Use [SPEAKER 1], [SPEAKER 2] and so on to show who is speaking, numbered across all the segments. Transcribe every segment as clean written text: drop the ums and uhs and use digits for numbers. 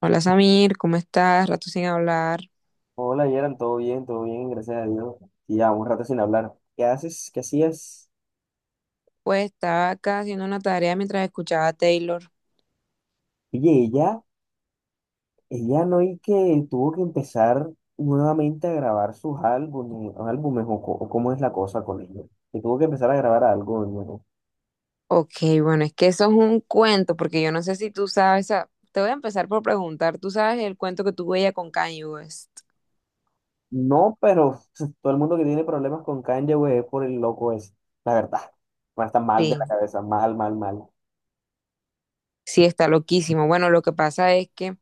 [SPEAKER 1] Hola Samir, ¿cómo estás? Rato sin hablar.
[SPEAKER 2] Hola, Yeran, todo bien, gracias a Dios. Y ya, un rato sin hablar. ¿Qué haces? ¿Qué hacías?
[SPEAKER 1] Pues estaba acá haciendo una tarea mientras escuchaba a Taylor.
[SPEAKER 2] Oye, ella no y que tuvo que empezar nuevamente a grabar sus álbumes o, o cómo es la cosa con ella. Que tuvo que empezar a grabar algo de nuevo.
[SPEAKER 1] Ok, bueno, es que eso es un cuento, porque yo no sé si tú sabes. Te voy a empezar por preguntar, ¿tú sabes el cuento que tuvo ella con Kanye West?
[SPEAKER 2] No, pero todo el mundo que tiene problemas con Kanye, güey, es por el loco ese. La verdad, va a estar mal de la
[SPEAKER 1] Sí,
[SPEAKER 2] cabeza, mal, mal, mal.
[SPEAKER 1] sí, está loquísimo. Bueno, lo que pasa es que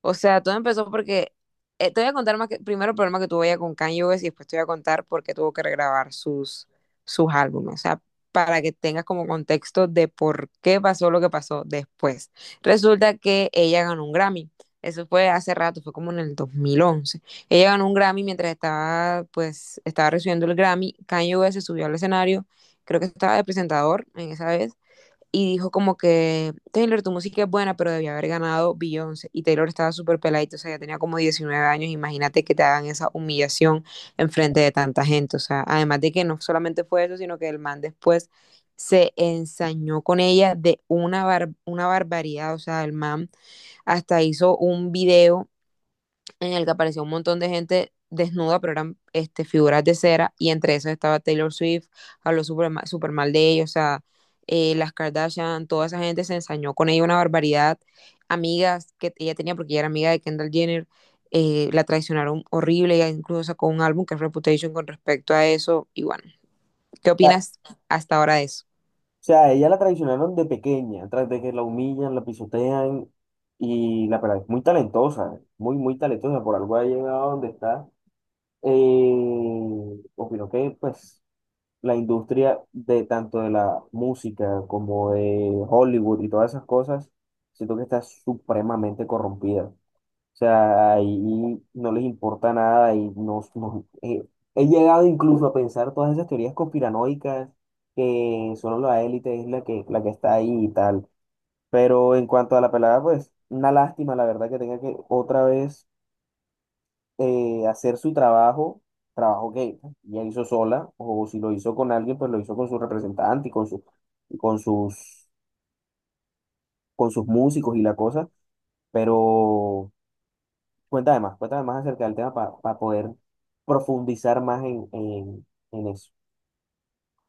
[SPEAKER 1] o sea, todo empezó porque te voy a contar primero el problema que tuvo ella con Kanye West y después te voy a contar por qué tuvo que regrabar sus álbumes. O sea, para que tengas como contexto de por qué pasó lo que pasó después. Resulta que ella ganó un Grammy. Eso fue hace rato, fue como en el 2011. Ella ganó un Grammy mientras estaba, pues, estaba recibiendo el Grammy. Kanye West se subió al escenario, creo que estaba de presentador en esa vez, y dijo como que, Taylor, tu música es buena, pero debía haber ganado Beyoncé. Y Taylor estaba súper peladito, o sea, ya tenía como 19 años. Imagínate que te hagan esa humillación en frente de tanta gente. O sea, además de que no solamente fue eso, sino que el man después se ensañó con ella de una barbaridad. O sea, el man hasta hizo un video en el que apareció un montón de gente desnuda, pero eran figuras de cera, y entre esas estaba Taylor Swift, habló súper mal de ellos, o sea, las Kardashian, toda esa gente se ensañó con ella una barbaridad, amigas que ella tenía, porque ella era amiga de Kendall Jenner, la traicionaron horrible, ella incluso sacó un álbum que es Reputation con respecto a eso, y bueno, ¿qué opinas hasta ahora de eso?
[SPEAKER 2] Sea, a ella la traicionaron de pequeña, tras de que la humillan, la pisotean, y la verdad es muy talentosa, muy, muy talentosa, por algo ha llegado a donde está. Opino que, pues, la industria de tanto de la música como de Hollywood y todas esas cosas, siento que está supremamente corrompida. O sea, ahí no les importa nada y no, he llegado incluso a pensar todas esas teorías conspiranoicas que solo la élite es la que está ahí y tal. Pero en cuanto a la pelada, pues una lástima, la verdad, que tenga que otra vez hacer su trabajo que ella hizo sola, o si lo hizo con alguien, pues lo hizo con su representante y con su, y con sus músicos y la cosa, pero, cuéntame más, cuéntame más acerca del tema para poder profundizar más en eso.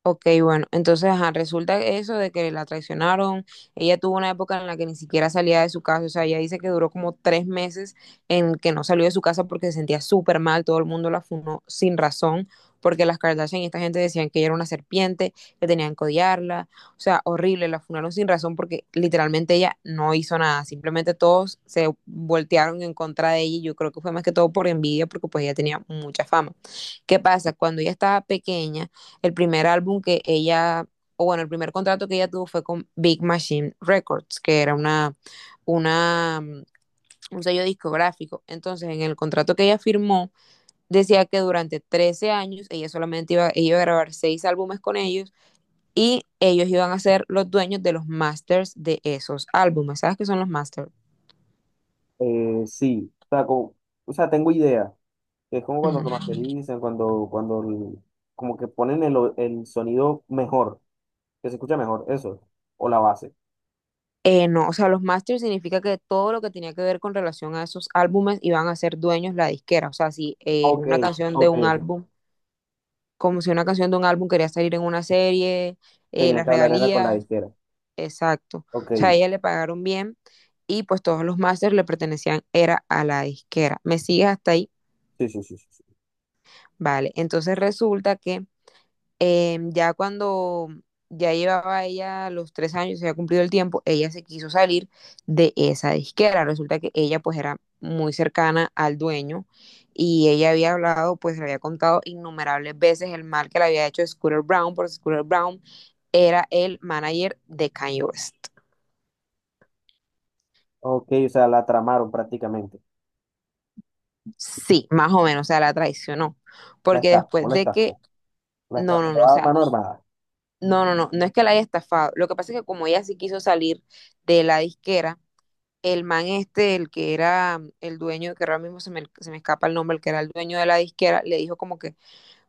[SPEAKER 1] Ok, bueno, entonces ajá, resulta eso de que la traicionaron. Ella tuvo una época en la que ni siquiera salía de su casa, o sea, ella dice que duró como 3 meses en que no salió de su casa porque se sentía súper mal, todo el mundo la funó sin razón, porque las Kardashian y esta gente decían que ella era una serpiente, que tenían que odiarla, o sea, horrible, la funaron sin razón porque literalmente ella no hizo nada, simplemente todos se voltearon en contra de ella y yo creo que fue más que todo por envidia porque pues ella tenía mucha fama. ¿Qué pasa? Cuando ella estaba pequeña, el primer álbum que ella, o bueno, el primer contrato que ella tuvo fue con Big Machine Records, que era una, mm, un sello discográfico. Entonces, en el contrato que ella firmó, decía que durante 13 años ella ella iba a grabar 6 álbumes con ellos y ellos iban a ser los dueños de los masters de esos álbumes. ¿Sabes qué son los masters?
[SPEAKER 2] Sí, o sea, o sea, tengo idea. Es como
[SPEAKER 1] Uh
[SPEAKER 2] cuando lo
[SPEAKER 1] -huh.
[SPEAKER 2] masterizan, cuando como que ponen el sonido mejor, que se escucha mejor, eso, o la base.
[SPEAKER 1] No, o sea, los masters significa que todo lo que tenía que ver con relación a esos álbumes iban a ser dueños la disquera. O sea, si
[SPEAKER 2] Ok,
[SPEAKER 1] una canción de
[SPEAKER 2] ok,
[SPEAKER 1] un
[SPEAKER 2] ok.
[SPEAKER 1] álbum como si una canción de un álbum quería salir en una serie,
[SPEAKER 2] Tenía
[SPEAKER 1] las
[SPEAKER 2] que hablar era con la
[SPEAKER 1] regalías,
[SPEAKER 2] disquera.
[SPEAKER 1] exacto.
[SPEAKER 2] Ok,
[SPEAKER 1] O sea, a
[SPEAKER 2] sí,
[SPEAKER 1] ella le pagaron bien y pues todos los masters le pertenecían, era a la disquera. ¿Me sigues hasta ahí?
[SPEAKER 2] sí, sí, sí. Sí.
[SPEAKER 1] Vale, entonces resulta que ya cuando ya llevaba ella los 3 años, se había cumplido el tiempo, ella se quiso salir de esa disquera. Resulta que ella pues era muy cercana al dueño y ella había hablado, pues le había contado innumerables veces el mal que le había hecho Scooter Brown, porque Scooter Brown era el manager de Kanye West.
[SPEAKER 2] Ok, o sea, la tramaron prácticamente.
[SPEAKER 1] Sí, más o menos, o sea, la traicionó.
[SPEAKER 2] La
[SPEAKER 1] Porque
[SPEAKER 2] estafó,
[SPEAKER 1] después
[SPEAKER 2] la
[SPEAKER 1] de que,
[SPEAKER 2] estafó. La
[SPEAKER 1] no, no, no,
[SPEAKER 2] estafó
[SPEAKER 1] o
[SPEAKER 2] a
[SPEAKER 1] sea,
[SPEAKER 2] mano armada.
[SPEAKER 1] no, no, no, no es que la haya estafado. Lo que pasa es que como ella sí quiso salir de la disquera, el man este, el que era el dueño, que ahora mismo se me escapa el nombre, el que era el dueño de la disquera, le dijo como que,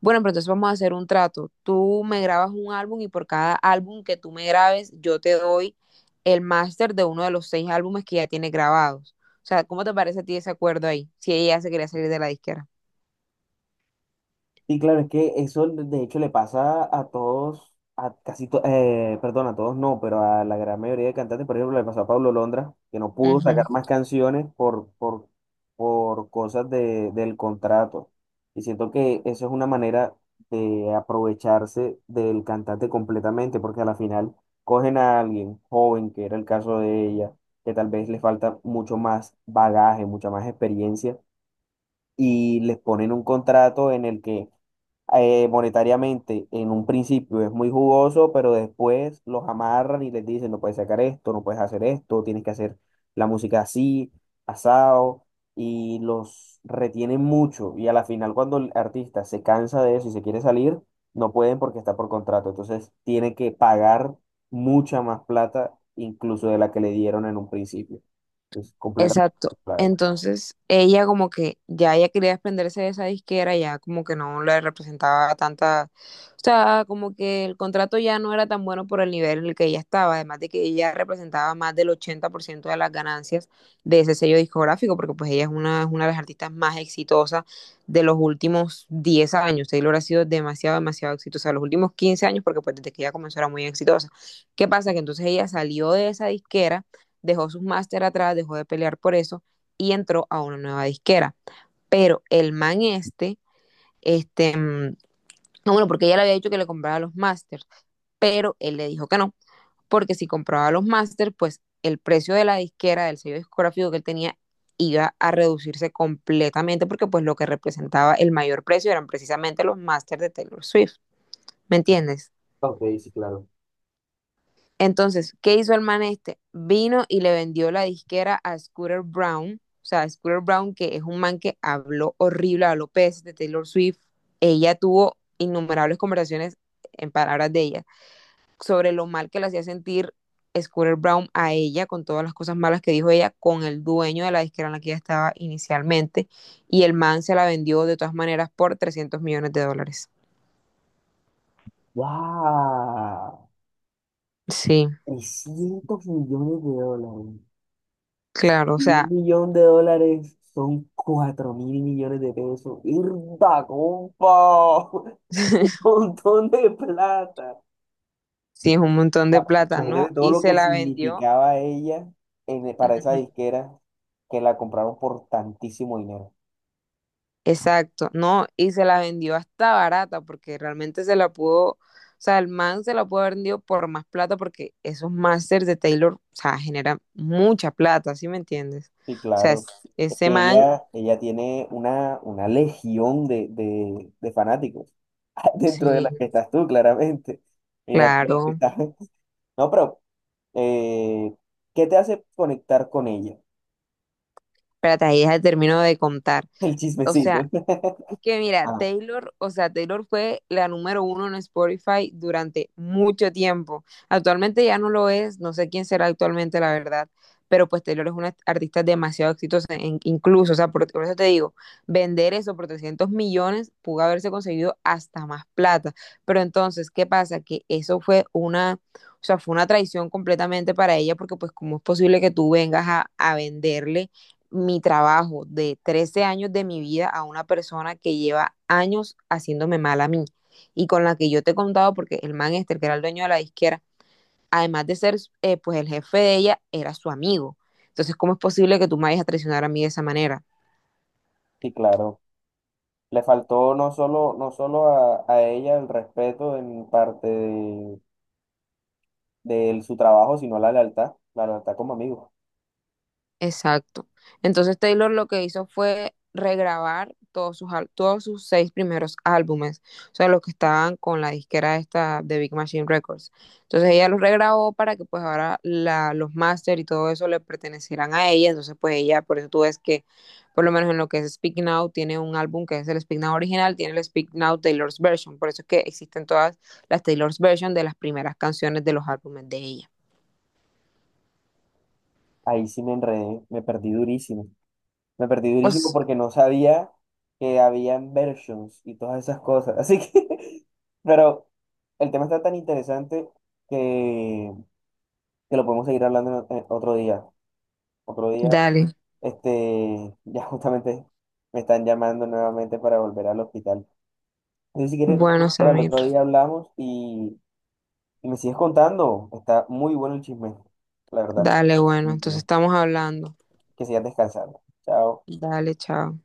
[SPEAKER 1] bueno, pero entonces vamos a hacer un trato. Tú me grabas un álbum y por cada álbum que tú me grabes, yo te doy el máster de uno de los 6 álbumes que ya tiene grabados. O sea, ¿cómo te parece a ti ese acuerdo ahí? Si ella se quería salir de la disquera.
[SPEAKER 2] Sí, claro, es que eso de hecho le pasa a todos, perdón, a todos no, pero a la gran mayoría de cantantes, por ejemplo, le pasó a Pablo Londra, que no pudo
[SPEAKER 1] Ujú.
[SPEAKER 2] sacar más canciones por cosas del contrato. Y siento que eso es una manera de aprovecharse del cantante completamente, porque a la final cogen a alguien joven, que era el caso de ella, que tal vez le falta mucho más bagaje, mucha más experiencia y les ponen un contrato en el que monetariamente en un principio es muy jugoso, pero después los amarran y les dicen, no puedes sacar esto, no puedes hacer esto, tienes que hacer la música así, asado, y los retienen mucho. Y a la final, cuando el artista se cansa de eso y se quiere salir, no pueden porque está por contrato. Entonces, tiene que pagar mucha más plata, incluso de la que le dieron en un principio. Es completamente,
[SPEAKER 1] Exacto.
[SPEAKER 2] la verdad.
[SPEAKER 1] Entonces, ella como que ya ella quería desprenderse de esa disquera, ya como que no le representaba tanta, o sea, como que el contrato ya no era tan bueno por el nivel en el que ella estaba, además de que ella representaba más del 80% de las ganancias de ese sello discográfico, porque pues ella es una de las artistas más exitosas de los últimos 10 años. Taylor ha sido demasiado, demasiado exitosa, los últimos 15 años, porque pues desde que ella comenzó era muy exitosa. ¿Qué pasa? Que entonces ella salió de esa disquera, dejó sus máster atrás, dejó de pelear por eso y entró a una nueva disquera. Pero el man este, mm, no, bueno, porque ella le había dicho que le compraba los masters, pero él le dijo que no, porque si compraba los masters, pues el precio de la disquera, del sello discográfico que él tenía, iba a reducirse completamente porque pues lo que representaba el mayor precio eran precisamente los masters de Taylor Swift, ¿me entiendes?
[SPEAKER 2] Ok, sí, claro.
[SPEAKER 1] Entonces, ¿qué hizo el man este? Vino y le vendió la disquera a Scooter Brown, o sea, Scooter Brown, que es un man que habló horrible a López de Taylor Swift. Ella tuvo innumerables conversaciones, en palabras de ella, sobre lo mal que le hacía sentir Scooter Brown a ella, con todas las cosas malas que dijo ella, con el dueño de la disquera en la que ella estaba inicialmente, y el man se la vendió de todas maneras por 300 millones de dólares.
[SPEAKER 2] ¡Wow!
[SPEAKER 1] Sí,
[SPEAKER 2] 300 millones de dólares.
[SPEAKER 1] claro, o
[SPEAKER 2] Un
[SPEAKER 1] sea,
[SPEAKER 2] millón de dólares son 4.000 millones de pesos. ¡Irda, compa! Un montón de plata.
[SPEAKER 1] sí, es un montón de
[SPEAKER 2] Ah,
[SPEAKER 1] plata, ¿no?
[SPEAKER 2] imagínate todo
[SPEAKER 1] Y
[SPEAKER 2] lo
[SPEAKER 1] se
[SPEAKER 2] que
[SPEAKER 1] la vendió.
[SPEAKER 2] significaba ella para esa
[SPEAKER 1] Ujú.
[SPEAKER 2] disquera que la compraron por tantísimo dinero.
[SPEAKER 1] Exacto, no, y se la vendió hasta barata porque realmente se la pudo, o sea, el man se la pudo haber vendido por más plata porque esos masters de Taylor, o sea, generan mucha plata, ¿sí me entiendes?
[SPEAKER 2] Sí,
[SPEAKER 1] O sea,
[SPEAKER 2] claro. Es
[SPEAKER 1] ese
[SPEAKER 2] que
[SPEAKER 1] man,
[SPEAKER 2] ella tiene una legión de fanáticos. Dentro de las que
[SPEAKER 1] sí,
[SPEAKER 2] estás tú, claramente. Mira, tú la que
[SPEAKER 1] claro.
[SPEAKER 2] estás. No, pero, eh, ¿qué te hace conectar con ella?
[SPEAKER 1] Espérate, ahí ya termino de contar.
[SPEAKER 2] El
[SPEAKER 1] O sea,
[SPEAKER 2] chismecito.
[SPEAKER 1] es que mira,
[SPEAKER 2] Ah,
[SPEAKER 1] Taylor, o sea, Taylor fue la número uno en Spotify durante mucho tiempo. Actualmente ya no lo es, no sé quién será actualmente, la verdad, pero pues Taylor es una artista demasiado exitosa, incluso, o sea, por eso te digo, vender eso por 300 millones pudo haberse conseguido hasta más plata. Pero entonces, ¿qué pasa? Que eso fue una, o sea, fue una traición completamente para ella, porque pues, ¿cómo es posible que tú vengas a venderle mi trabajo de 13 años de mi vida a una persona que lleva años haciéndome mal a mí y con la que yo te he contado porque el man este, el que era el dueño de la disquera, además de ser pues el jefe de ella, era su amigo? Entonces, ¿cómo es posible que tú me vayas a traicionar a mí de esa manera?
[SPEAKER 2] sí, claro. Le faltó no solo a ella el respeto en parte de su trabajo, sino la lealtad como amigo.
[SPEAKER 1] Exacto. Entonces Taylor lo que hizo fue regrabar todos sus 6 primeros álbumes, o sea, los que estaban con la disquera esta de Big Machine Records. Entonces ella los regrabó para que pues ahora los máster y todo eso le pertenecieran a ella, entonces pues ella, por eso tú ves que por lo menos en lo que es Speak Now, tiene un álbum que es el Speak Now original, tiene el Speak Now Taylor's Version, por eso es que existen todas las Taylor's Version de las primeras canciones de los álbumes de ella.
[SPEAKER 2] Ahí sí me enredé, me perdí durísimo. Me perdí durísimo
[SPEAKER 1] Pues
[SPEAKER 2] porque no sabía que habían versions y todas esas cosas. Así que, pero el tema está tan interesante que, que lo podemos seguir hablando en otro día. Otro día,
[SPEAKER 1] dale,
[SPEAKER 2] ya justamente me están llamando nuevamente para volver al hospital. Entonces, si quieres,
[SPEAKER 1] bueno,
[SPEAKER 2] era el
[SPEAKER 1] Samir.
[SPEAKER 2] otro día hablamos y me sigues contando. Está muy bueno el chisme, la verdad.
[SPEAKER 1] Dale, bueno, entonces
[SPEAKER 2] Bueno,
[SPEAKER 1] estamos hablando.
[SPEAKER 2] que sigas descansando. Chao.
[SPEAKER 1] Dale, chao.